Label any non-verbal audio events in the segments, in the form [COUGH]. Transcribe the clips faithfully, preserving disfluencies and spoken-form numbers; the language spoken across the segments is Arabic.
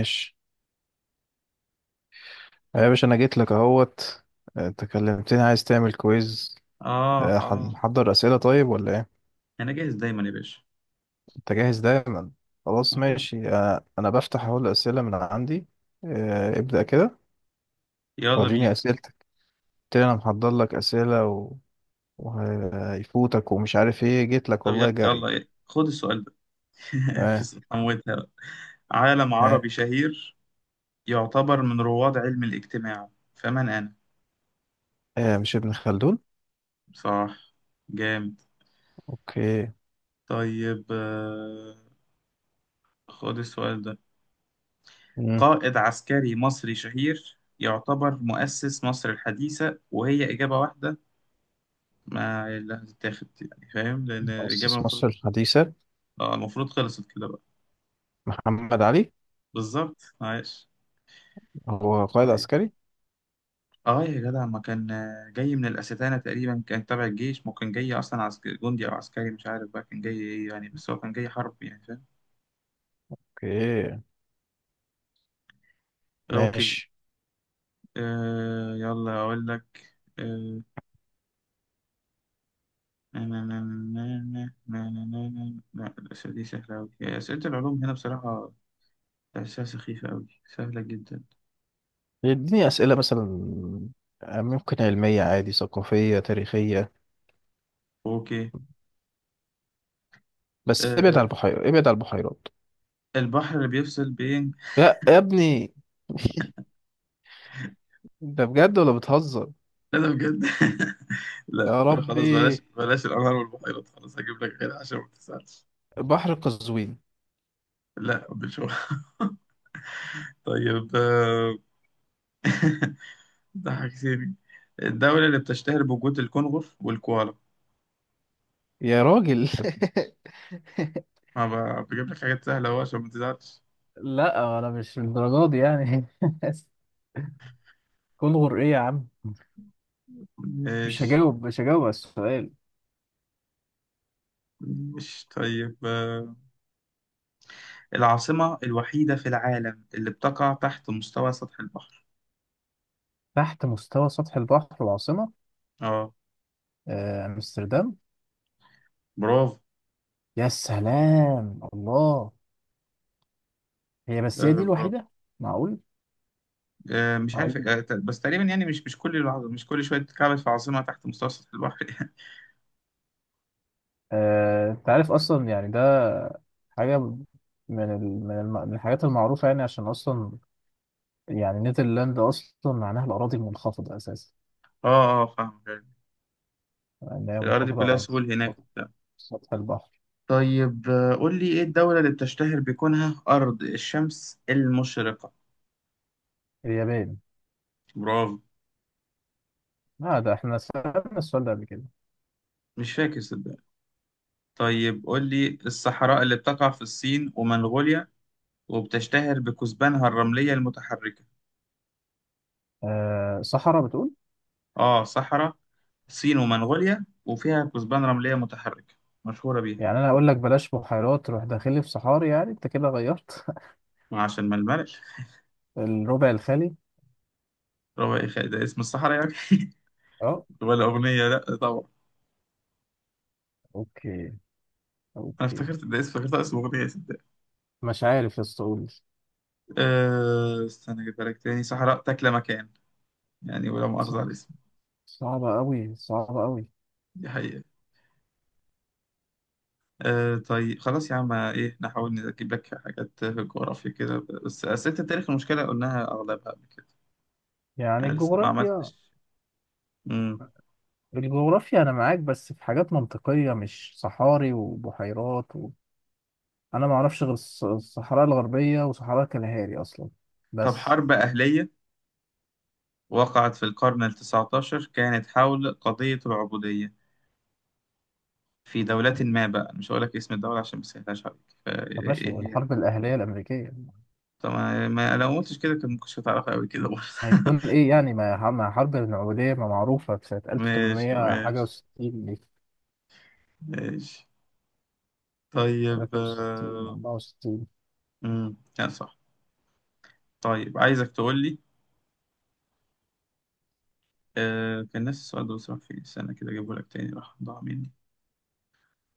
ماشي. يا باشا انا جيت لك اهوت. آه، انت كلمتني عايز تعمل كويز. اه أه، اه، ح- محضر اسئله طيب ولا ايه؟ انا جاهز دايما يا باشا. انت جاهز دايما. خلاص آه. ماشي. أه، انا بفتح اهو الاسئله من عندي. أه، ابدا كده. يلا وريني بينا. اسئلتك. قلت لي انا محضر لك اسئله و- وهيفوتك، ومش عارف ايه، جيت لك طب يلا، والله جري. يلا خد السؤال ده. [LAUGHS] اه في حموتها بقى. عالم اه. عربي شهير يعتبر من رواد علم الاجتماع، فمن انا؟ اه مش ابن خلدون؟ صح. جامد. اوكي. طيب، آه، خد السؤال ده. مم. قائد عسكري مصري شهير يعتبر مؤسس مصر الحديثة، وهي إجابة واحدة. ما اللي هتتاخد؟ يعني فاهم، لأن الإجابة مؤسس المفروض... مصر الحديثه؟ آه، المفروض خلصت كده بقى. محمد علي. بالظبط عايش. هو قائد طيب عسكري. اه، يا جدع ما كان آه، جاي من الاستانه تقريبا، كان تبع الجيش، ممكن جاي اصلا عسكري جندي او عسكري، مش عارف بقى كان جاي ايه يعني، بس هو كان جاي حرب يعني فاهم. اوكي. اوكي. ماشي. آه يلا اقول لك. آه نا- نا- نا- نا- نا- نا- نا- نا- نا- لا، الاسئله دي سهله قوي، اسئله العلوم هنا بصراحه تحسها سخيفه قوي، سهله جدا. يديني أسئلة مثلا، ممكن علمية عادي، ثقافية، تاريخية، اوكي. بس ابعد آه عن البحيرات، ابعد عن البحيرات. البحر اللي بيفصل بين... يا يا ابني، ده بجد ولا بتهزر؟ [LAUGHS] لا ده بجد. [LAUGHS] لا يا طب خلاص، ربي. بلاش بلاش الانهار والبحيرات، خلاص هجيب لك غيرها عشان ما تسالش. بحر قزوين. لا مش هو. [LAUGHS] طيب. آه، [LAUGHS] ضحكتني. الدولة اللي بتشتهر بوجود الكنغر والكوالا؟ يا راجل. ما ب- بجيب لك حاجات سهلة أهو عشان ما تزعلش. [LAUGHS] لا انا مش للدرجه دي يعني. [LAUGHS] كل غر ايه يا عم. مش ماشي. هجاوب، مش هجاوب على السؤال. مش طيب. آه، العاصمة الوحيدة في العالم اللي بتقع تحت مستوى سطح البحر؟ تحت مستوى سطح البحر العاصمه. اه. آه، امستردام. برافو. يا سلام الله. هي بس، هي آه، دي برافو. الوحيده؟ معقول. آه، مش عارف. معقول. آه، ت- بس تقريبا يعني، مش مش كل الع- مش كل شوية تتكعبل في عاصمة تحت مستوى سطح البحر. [LAUGHS] آه، انت عارف اصلا يعني ده حاجه من ال- من الم- من الحاجات المعروفه، يعني عشان اصلا يعني نيدرلاند اصلا معناها الاراضي المنخفضه اساسا. اه اه، فاهم. يعني هي الأراضي منخفضه كلها عن سهول هناك. سطح البحر. طيب. آه، قول لي، ايه الدولة اللي بتشتهر بكونها أرض الشمس المشرقة؟ اليابان. برافو. لا ده احنا سالنا السؤال ده قبل كده. مش فاكر صدقني. طيب قول لي، الصحراء اللي بتقع في الصين ومنغوليا، وبتشتهر بكثبانها الرملية المتحركة؟ أه صحراء بتقول؟ اه، صحراء الصين ومنغوليا، وفيها كثبان رملية متحركة، مشهورة بيها. يعني انا اقول لك بلاش بحيرات، روح داخلي في صحاري؟ يعني انت كده غيرت. [LAUGHS] عشان ما الملل. الربع الخالي. ربع إخاء ده اسم الصحراء يعني؟ اه. [LAUGHS] ولا أغنية؟ لا طبعا. اوكي. أنا اوكي. افتكرت ده اسم، افتكرت اسم أغنية صدق. مش عارف يا اسطى، قول لي. أه استنى أجيبها لك تاني. صحراء تاكل مكان يعني، ولا مؤاخذة على الاسم. صعبه قوي، صعبه قوي. دي حقيقة. آه طيب خلاص يا عم، ايه نحاول نجيب لك حاجات في الجغرافيا كده، بس أسئلة التاريخ، المشكلة قلناها أغلبها قبل كده. يعني أنا لسه ما الجغرافيا، عملتش. مم. الجغرافيا انا معاك، بس في حاجات منطقيه، مش صحاري وبحيرات و... انا ما اعرفش غير الص- الصحراء الغربيه وصحراء كالهاري اصلا طب، بس. حرب أهلية وقعت في القرن التسعتاشر، كانت حول قضية العبودية في دولة ما بقى، مش هقول لك اسم الدولة عشان ما سهلاش عليك، طب ماشي، فإيه هي؟ والحرب الاهليه الامريكيه. طب ما ما- لو ما قلتش كده كان ممكن هتعرفها أوي كده برضه. هيكون [LAUGHS] ايه يعني ما ما حرب النوويه، ما معروفه في سنه ماشي ألف وثمنمية حاجه ماشي. و60 دي. ماشي. طيب. تلاتة وستين آه، أربعة وستين. مم. لا، صح. طيب عايزك تقول لي، آه كان نفس السؤال ده بصراحة في سنة كده، جابه لك تاني راح ضاع مني.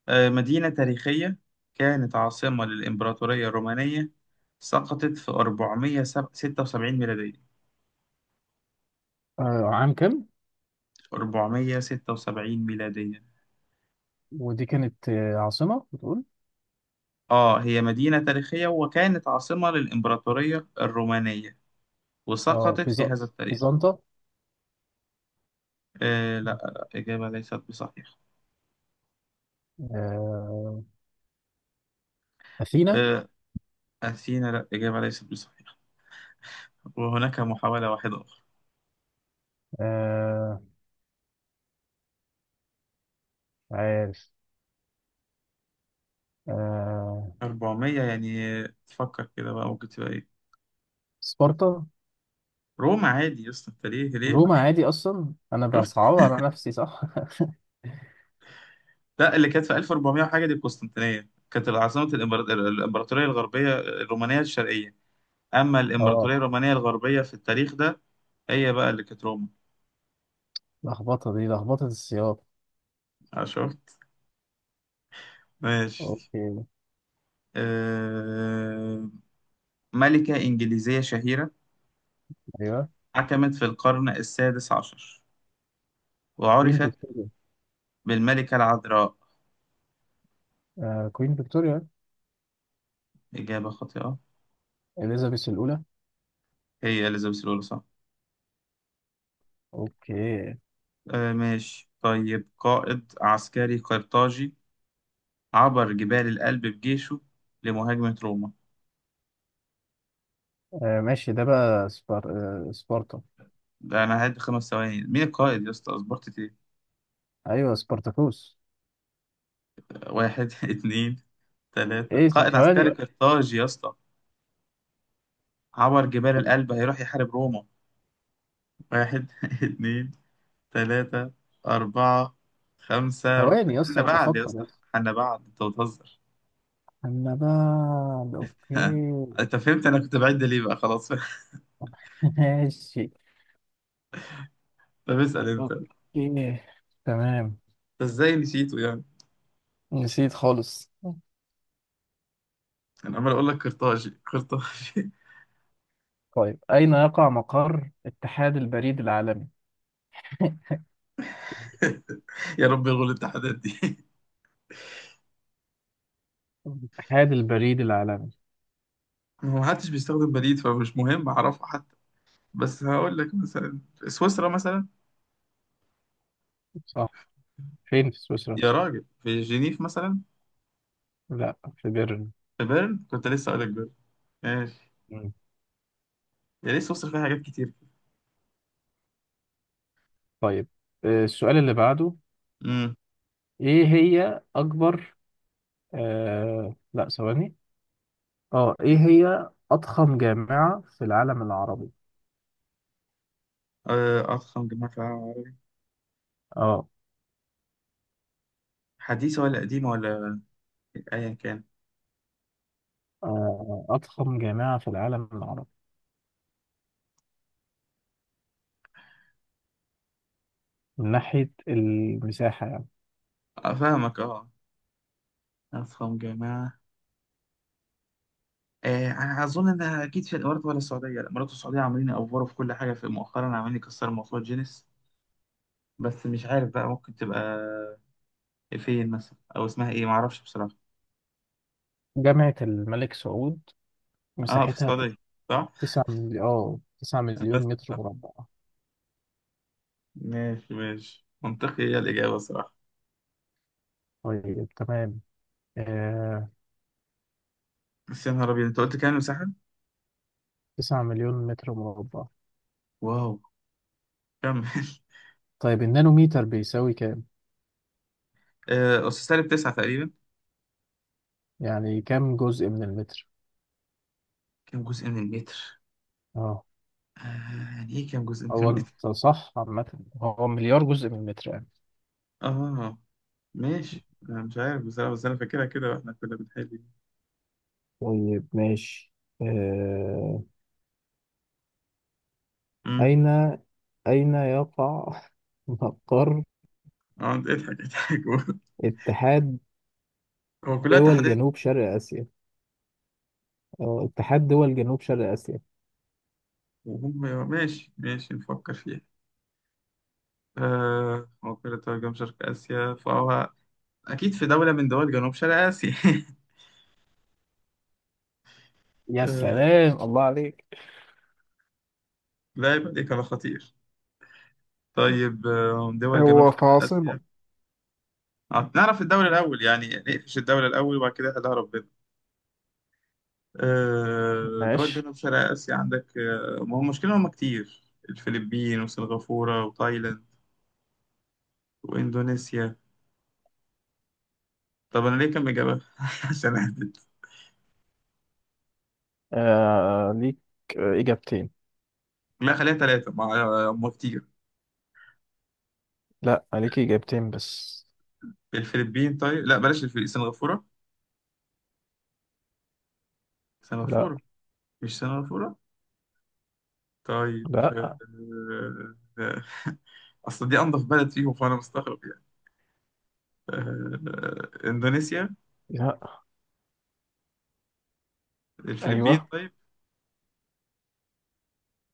آه مدينة تاريخية كانت عاصمة للإمبراطورية الرومانية، سقطت في أربعمائة وستة وسبعين ميلادية. آه عام كام؟ أربعمائة وستة وسبعين ميلادية. ودي كانت آه، عاصمه بتقول؟ آه هي مدينة تاريخية وكانت عاصمة للإمبراطورية الرومانية، اه وسقطت بيز... في هذا التاريخ. بيزنطة. آه لا لا، إجابة ليست بصحيحة. آه... اثينا. آه أثينا، لا، إجابة ليست بصحيحة. وهناك محاولة واحدة أخرى. آه... عارف. آه... أربعمية يعني، آه، تفكر كده بقى، ممكن تبقى إيه؟ سبارتا. روما عادي يا اسطى، انت ليه ليه روما رايح؟ عادي، اصلا انا شفت. بصعبها على نفسي صح. لا، اللي كانت في ألف وأربعمائة وحاجه دي القسطنطينيه، كانت عاصمه الإمبرا- الامبراطوريه الغربيه الرومانيه الشرقيه، اما [LAUGHS] اه. الامبراطوريه الرومانيه الغربيه في التاريخ ده، هي بقى اللي كانت روما. لخبطه دي، لخبطه السياق. آه، شفت. ماشي. اوكي. آه، ملكه انجليزيه شهيره، ايوه. حكمت في القرن السادس عشر، كوين وعرفت فيكتوريا. بالملكه العذراء. آه كوين فيكتوريا. اجابه خاطئه. اليزابيث الاولى. هي اليزابيث الاولى، صح. اوكي. آه، ماشي. طيب، قائد عسكري قرطاجي عبر جبال الألب بجيشه لمهاجمة روما. آه ماشي. ده بقى سبار... آه سبارتا. ده أنا هعد خمس ثواني، مين القائد يا اسطى؟ أصبرت إيه. ايوه سبارتاكوس. واحد [LAUGHS] اتنين، تلاتة. ايه قائد عسكري ثواني. قرطاج يا اسطى، عبر جبال الألب، هيروح يحارب روما. واحد [LAUGHS] اتنين، تلاتة، أربعة، خمسة. ثواني حنا اصلا بعد يا بفكر يا اسطى؟ اسطى. حنا بعد. أنت بتهزر. النبال [LAUGHS] اوكي. أنت فهمت، أنا كنت بعد ليه بقى، خلاص. [LAUGHS] [LAUGHS] ماشي. طب اسأل أنت أنت. اوكي. تمام. إزاي نسيته يعني؟ نسيت خالص. أنا عمال أقول لك قرطاجي قرطاجي. طيب، أين يقع مقر اتحاد البريد العالمي؟ [LAUGHS] [LAUGHS] يا رب يلغوا الاتحادات دي. اتحاد البريد العالمي. هو محدش بيستخدم بليد، فمش مهم أعرفه حتى. بس هقول لك مثلا في سويسرا مثلا. صح. فين في سويسرا؟ يا راجل، في جنيف مثلا. لا، في بيرن. في بيرن، كنت لسه أقول لك بيرن. ماشي. مم. يا ليه سويسرا فيها حاجات كتير. طيب آه، السؤال اللي بعده. امم. إيه هي أكبر آه... لا ثواني. اه، إيه هي أضخم جامعة في العالم العربي؟ آه، أضخم جامعة في العالم، اه. حديثة ولا قديمة، ولا أيا كان. آه، أضخم جامعة في العالم العربي من ناحية المساحة يعني. آه، فاهمك أه. أضخم جامعة. آه، أنا أظن إنها أكيد في الإمارات ولا السعودية، لا الإمارات والسعودية عاملين يأفوروا في كل حاجة في مؤخرا، عاملين يكسروا موضوع جينيس. بس مش عارف بقى، ممكن تبقى فين مثلا، أو اسمها إيه، معرفش بصراحة. جامعة الملك سعود، اه، في مساحتها السعودية، صح؟ تسعة مليون اه تسعة مليون بس متر صح. مربع. ماشي ماشي، منطقي هي الإجابة صراحة. طيب تمام. آه بس يا نهار أبيض، أنت قلت كام مساحة؟ تسعة مليون متر مربع. واو. كمل. [LAUGHS] طيب، النانوميتر بيساوي كام؟ آه، أس سالب تسعة تقريبا. يعني كام جزء من المتر؟ كام جزء من المتر؟ اه. آه، يعني إيه كام جزء من هو المتر؟ انت صح عامة. هو مليار جزء من المتر يعني. [LAUGHS] آه، ماشي. أنا مش عارف بصراحة، بس أنا فاكرها كده وإحنا كنا بنحل. طيب ماشي. آه... أمم. أين أين يقع [LAUGHS] مقر آه اضحك اضحك. [LAUGHS] اتحاد هو كلها دول تحديات. جنوب شرق آسيا؟ أو اتحاد دول جنوب شرق آسيا. وهم ماشي ماشي، نفكر فيها. آه موقع ترجم شرق آسيا، فهو أكيد في دولة من دول جنوب شرق آسيا. يا [LAUGHS] سلام الله عليك. لا، يبقى دي كان خطير. طيب. آه، دول جنوب هو شرق في عاصمة. آسيا. آه، نعرف الدولة الأول يعني، نقفش الدولة الأول وبعد كده هدها ربنا. آه، دول ماشي. جنوب شرق آسيا عندك. آه، ما هو المشكلة هم كتير، الفلبين وسنغافورة وتايلاند وإندونيسيا. طب أنا ليه كم إجابة؟ [LAUGHS] عشان أهبد. آه ليك آه، إجابتين. لا، خليها ثلاثة، ما هم كتير. لا، عليكي إجابتين بس. الفلبين، طيب لا بلاش الفلبين. سنغافورة. لا. سنغافورة. مش سنغافورة. طيب. لا. آه، آه، [LAUGHS] أصل دي أنضف بلد فيهم فأنا مستغرب. آه، إندونيسيا. لا. الفلبين، أيوه. طيب.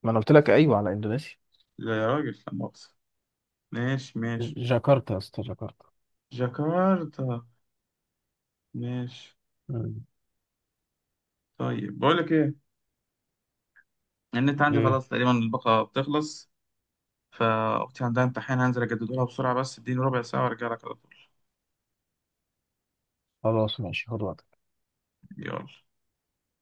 ما أنا قلت لك أيوه على إندونيسيا. لا يا راجل، لا مؤاخذة. ماشي ج- ماشي. جاكرتا يا اسطى، جاكرتا. جاكرتا. ماشي. مم. طيب، بقول لك إيه، النت عندي ايه. خلاص تقريبا، الباقة بتخلص، فأختي عندها امتحان، هنزل أجدده لها بسرعة بس، اديني ربع ساعة وأرجع لك على طول. خلاص ماشي، خد وقتك. يلا.